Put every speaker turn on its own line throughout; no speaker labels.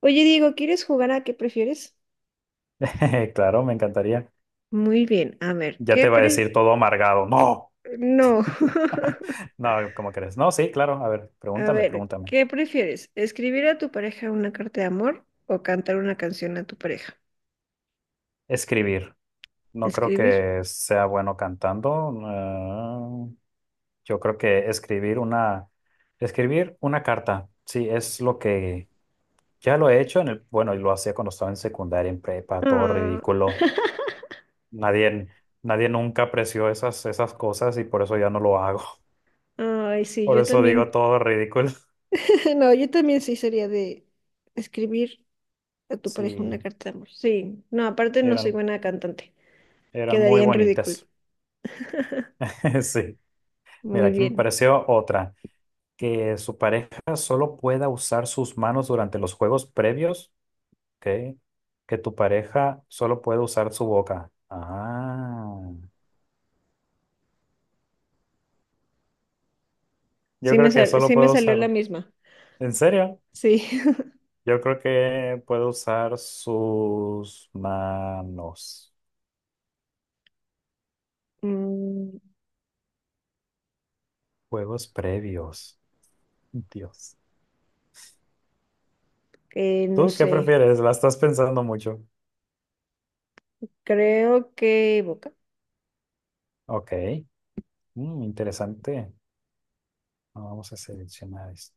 Oye, Diego, ¿quieres jugar a qué prefieres?
Claro, me encantaría.
Muy bien, a ver,
Ya
¿qué
te va a
pre...
decir todo amargado. No.
No.
No, ¿cómo crees? No, sí, claro. A ver,
A
pregúntame,
ver,
pregúntame.
¿qué prefieres? ¿Escribir a tu pareja una carta de amor o cantar una canción a tu pareja?
Escribir. No creo
Escribir.
que sea bueno cantando. Yo creo que escribir una carta. Sí, es lo que ya lo he hecho en el, bueno, y lo hacía cuando estaba en secundaria, en prepa, todo
Ah,
ridículo. Nadie, nadie nunca apreció esas cosas y por eso ya no lo hago.
ay, sí,
Por
yo
eso digo
también.
todo ridículo.
No, yo también sí sería de escribir a tu pareja una
Sí,
carta de amor. Sí, no, aparte no soy
eran.
buena cantante.
Eran muy
Quedaría en ridículo.
bonitas. Sí. Mira,
Muy
aquí me
bien.
pareció otra, que su pareja solo pueda usar sus manos durante los juegos previos, ¿ok? Que tu pareja solo puede usar su boca. Yo creo que solo
Sí me
puedo
salió la
usar.
misma.
¿En serio?
Sí.
Yo creo que puedo usar sus manos.
Mm,
Juegos previos. Dios.
no
¿Tú qué
sé.
prefieres? La estás pensando mucho.
Creo que Boca.
Ok. Interesante. Vamos a seleccionar esto.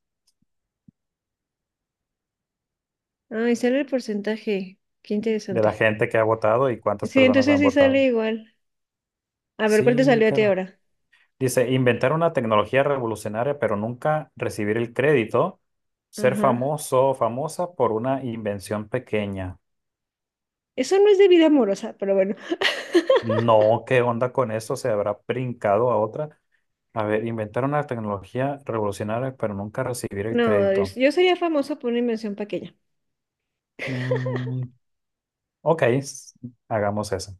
Ah, y sale el porcentaje. Qué
De la
interesante.
gente que ha votado y cuántas
Sí,
personas
entonces
han
sí sale
votado.
igual. A ver, ¿cuál te
Sí,
salió a ti
claro.
ahora?
Dice, inventar una tecnología revolucionaria, pero nunca recibir el crédito, ser
Ajá.
famoso o famosa por una invención pequeña.
Eso no es de vida amorosa, pero bueno.
No, ¿qué onda con eso? ¿Se habrá brincado a otra? A ver, inventar una tecnología revolucionaria, pero nunca recibir el
No,
crédito.
yo sería famoso por una invención pequeña.
Mm, ok, hagamos eso,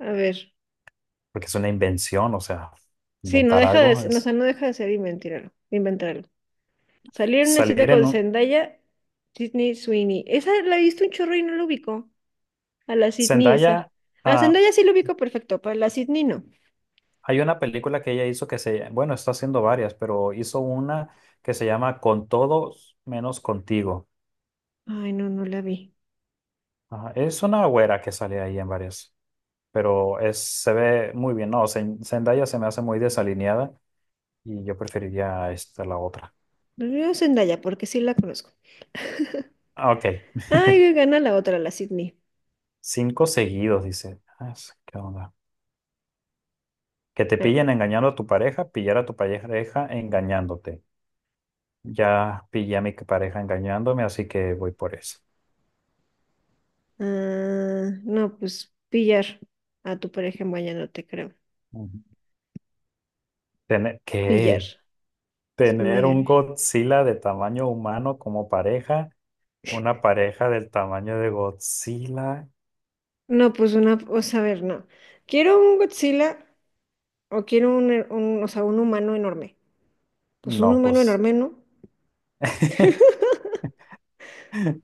A ver.
porque es una invención, o sea,
Sí, no
inventar
deja de,
algo
ser- o
es
sea, no deja de ser inventarlo, inventarlo. Salir en una cita
salir en
con
un...
Zendaya, Sydney Sweeney. Esa la he visto un chorro y no lo ubico. A la Sydney esa.
Zendaya...
A
ah,
Zendaya sí lo ubico perfecto, para la Sydney no.
hay una película que ella hizo que se, bueno, está haciendo varias, pero hizo una que se llama Con todos menos contigo.
Ay, no, no la vi.
Ajá, es una güera que sale ahí en varias, pero es, se ve muy bien. No, Zendaya se me hace muy desalineada y yo preferiría esta la otra.
Yo Zendaya, porque sí la conozco.
Ok,
Ay, gana la otra, la Sydney.
cinco seguidos, dice. Ah, ¿Qué onda? Que te
Ah,
pillen engañando a tu pareja, pillar a tu pareja engañándote. Ya pillé a mi pareja engañándome, así que voy por eso.
ah, no, pues pillar a tu pareja en baño, no te creo.
Ujú. Tener, ¿qué?
Pillar. Es
Tener un
mayor.
Godzilla de tamaño humano como pareja, una pareja del tamaño de Godzilla.
No, pues una, o sea, a ver, no. Quiero un Godzilla o quiero o sea, un humano enorme. Pues un
No,
humano
pues.
enorme, ¿no?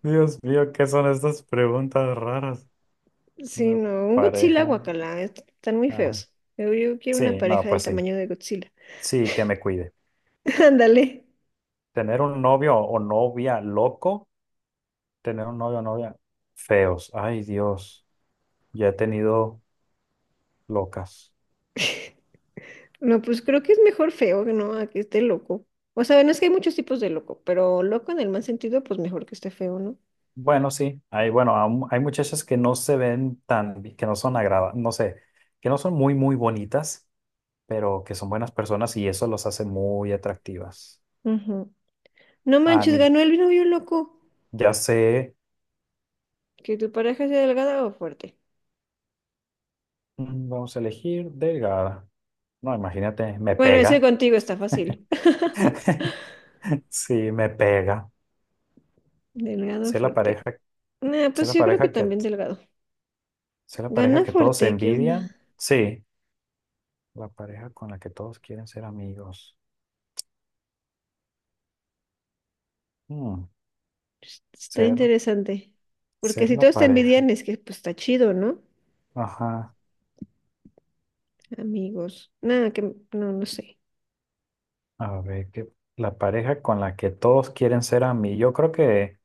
Dios mío, ¿qué son estas preguntas raras?
Sí,
Una
no, un Godzilla,
pareja.
guacala, están muy
Ajá.
feos. Yo quiero una
Sí, no,
pareja del
pues sí.
tamaño de Godzilla.
Sí, que me cuide.
Ándale.
Tener un novio o novia loco, tener un novio o novia feos. Ay, Dios, ya he tenido locas.
No, pues creo que es mejor feo que no a que esté loco. O sea, no es que hay muchos tipos de loco, pero loco en el mal sentido, pues mejor que esté feo, ¿no?
Bueno, sí, hay, bueno, aún hay muchachas que no se ven tan que no son agradables, no sé, que no son muy, muy bonitas, pero que son buenas personas y eso los hace muy atractivas.
Ujú. No
A
manches,
mí,
ganó el novio loco.
ya sé,
Que tu pareja sea delgada o fuerte.
vamos a elegir delgada. No, imagínate, me
Bueno, ese
pega.
contigo está fácil.
Sí, me pega.
Delgado o
Sé la pareja,
fuerte. Nah,
sé
pues
la
yo creo que
pareja que,
también delgado.
sé la pareja
Gana
que todos
fuerte, ¿qué onda?
envidian. Sí, la pareja con la que todos quieren ser amigos. Mm,
Está
ser,
interesante. Porque
ser
si
la
todos te envidian
pareja.
es que pues está chido, ¿no?
Ajá.
Amigos. Nada, que no, no sé.
A ver, que la pareja con la que todos quieren ser a mí. Yo creo que,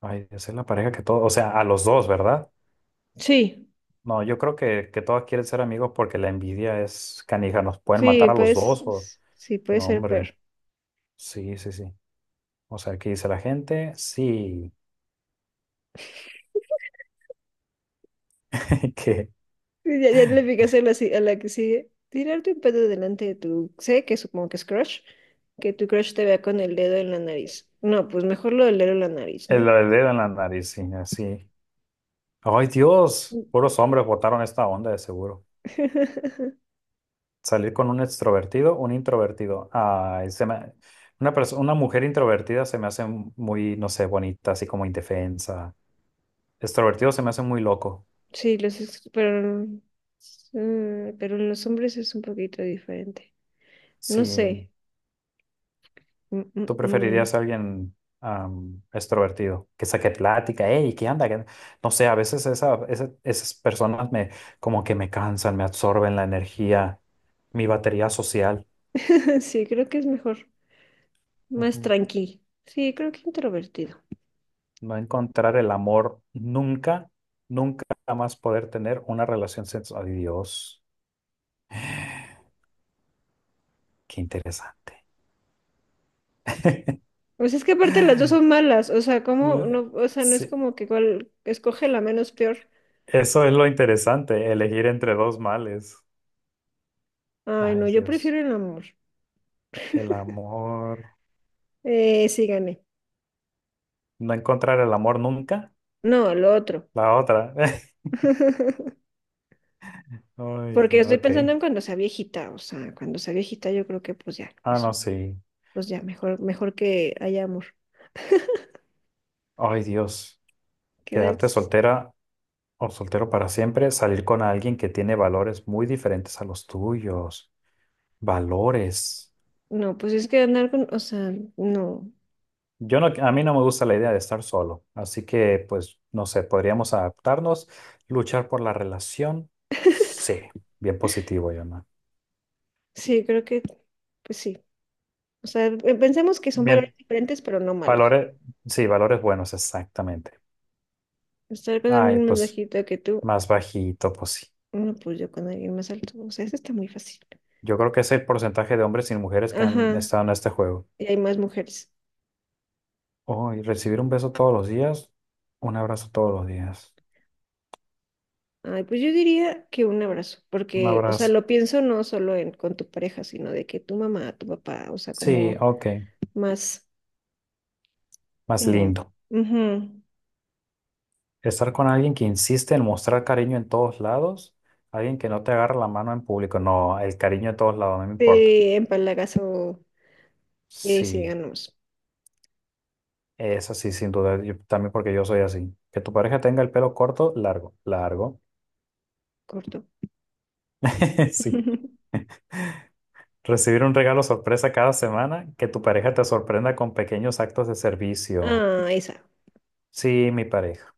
ay, esa es la pareja que todos, o sea, a los dos, ¿verdad?
Sí,
No, yo creo que todos quieren ser amigos porque la envidia es canija, nos pueden
sí,
matar a los
pues,
dos o...
sí, puede
No,
ser
hombre,
peor.
sí, sí, sí. O sea, ¿qué dice la gente? Sí, que
Sí, ya, ya le picas a la, si- a la que sigue. Tirarte un pedo delante de tu... Sé que supongo que es crush. Que tu crush te vea con el dedo en la nariz. No, pues mejor lo del dedo en la nariz,
el
¿no?
dedo en la nariz, sí, así. Ay, Dios, puros hombres votaron esta onda de seguro. Salir con un extrovertido, un introvertido. Ay, se me- una perso- una mujer introvertida se me hace muy, no sé, bonita, así como indefensa. Extrovertido se me hace muy loco.
Sí, pero... mm, pero en los hombres es un poquito diferente. No
Sí,
sé. Mm, mm,
tú
mm.
preferirías a alguien extrovertido, que saque plática, hey, ¿qué anda? ¿Qué- No sé, a veces esas personas me, como que me cansan, me absorben la energía, mi batería social.
Sí, creo que es mejor. Más tranqui. Sí, creo que introvertido.
No encontrar el amor nunca, nunca jamás poder tener una relación sexual. Ay, Dios, qué interesante.
Pues es que aparte las dos son malas. O sea, como... no, o sea, no es
Sí,
como que cuál escoge la menos peor.
eso es lo interesante, elegir entre dos males.
Ay,
Ay,
no, yo
Dios,
prefiero el amor.
el amor,
Sí, gané.
no encontrar el amor nunca,
No, lo otro.
la otra. Ay,
Porque
Dios,
estoy
ok.
pensando en cuando sea viejita, o sea, cuando sea viejita yo creo que pues ya,
Ah,
eso,
no, sí.
pues ya, mejor, mejor que haya amor.
Ay, Dios,
¿Qué tal?
quedarte soltera o soltero para siempre, salir con alguien que tiene valores muy diferentes a los tuyos. Valores.
No, pues es que andar con, o sea, no.
Yo no, a mí no me gusta la idea de estar solo, así que pues no sé, podríamos adaptarnos, luchar por la relación. Sí, bien positivo, Yona.
Sí, creo que, pues sí. O sea, pensemos que son valores
Bien,
diferentes, pero no malos.
valores, sí, valores buenos, exactamente.
Estar con
Ay,
alguien más
pues
bajito que tú,
más bajito, pues sí.
no, pues yo con alguien más alto. O sea, eso está muy fácil.
Yo creo que es el porcentaje de hombres y mujeres que han
Ajá,
estado en este juego.
y hay más mujeres.
Oh, y recibir un beso todos los días, un abrazo todos los días,
Ay, pues yo diría que un abrazo,
un
porque, o sea,
abrazo.
lo pienso no solo en con tu pareja, sino de que tu mamá, tu papá, o sea,
Sí,
como
ok,
más,
más
como,
lindo.
ujú,
Estar con alguien que insiste en mostrar cariño en todos lados, alguien que no te agarra la mano en público, no, el cariño en todos lados, no me importa.
sí, empalagazo,
Sí,
síganos,
es así sin duda, yo- también porque yo soy así. Que tu pareja tenga el pelo corto, largo, largo.
corto.
Sí. Recibir un regalo sorpresa cada semana, que tu pareja te sorprenda con pequeños actos de servicio.
Ah, esa,
Sí, mi pareja.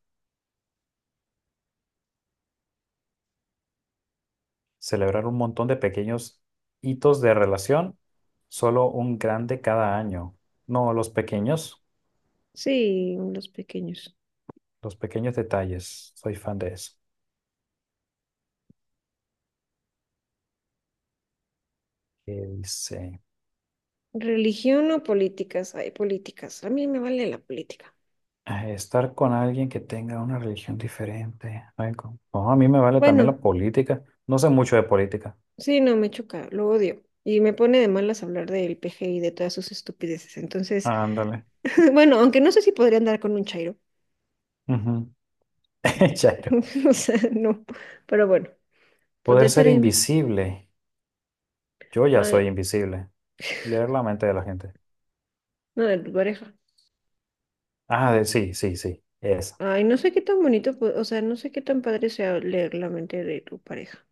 Celebrar un montón de pequeños hitos de relación, solo un grande cada año. No, los pequeños.
sí, los pequeños.
Los pequeños detalles, soy fan de eso. Que dice,
Religión o políticas, hay políticas, a mí me vale la política.
ah, estar con alguien que tenga una religión diferente. Ay, no, a mí me vale también la
Bueno,
política. No sé mucho de política.
sí, no, me choca, lo odio. Y me pone de malas hablar del PG y de todas sus estupideces. Entonces,
Ándale.
bueno, aunque no sé si podría andar con un chairo.
Ujú. Chairo.
O sea, no. Pero bueno,
Poder
poder ser...
ser
in-
invisible. Yo ya soy
ay,
invisible. Leer la mente de la gente.
no, de tu pareja.
Ah, sí, sí, sí. Esa.
Ay, no sé qué tan bonito, o sea, no sé qué tan padre sea leer la mente de tu pareja.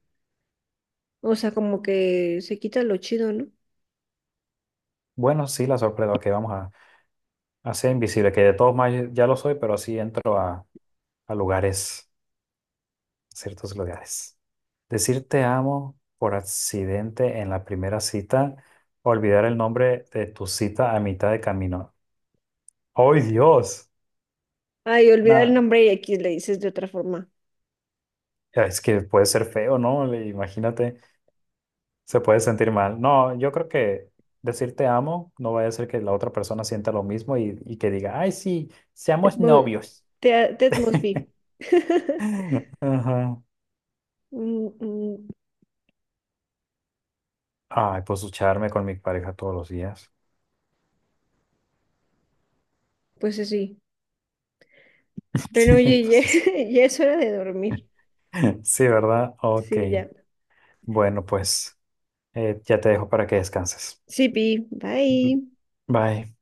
O sea, como que se quita lo chido, ¿no?
Bueno, sí, la sorpresa que vamos a ser invisible, que de todos modos ya lo soy, pero así entro a lugares. Ciertos lugares. Decir te amo por accidente en la primera cita, olvidar el nombre de tu cita a mitad de camino. ¡Ay, Dios!
Ay, olvidar el
Nah,
nombre y aquí le dices de otra forma.
es que puede ser feo, ¿no? Imagínate, se puede sentir mal. No, yo creo que decir te amo no vaya a ser que la otra persona sienta lo mismo y que diga, ay, sí,
Ted
seamos
Mo-
novios.
Ted Mosby.
Ajá.
Mm, mm,
Ay, pues ducharme con mi pareja todos los días.
pues así. Pero oye, ya,
Pues,
ya es hora de dormir.
sí, ¿verdad? Ok.
Sí, ya.
Bueno, pues. Ya te dejo para que descanses.
Sí, Pi, bye.
Bye.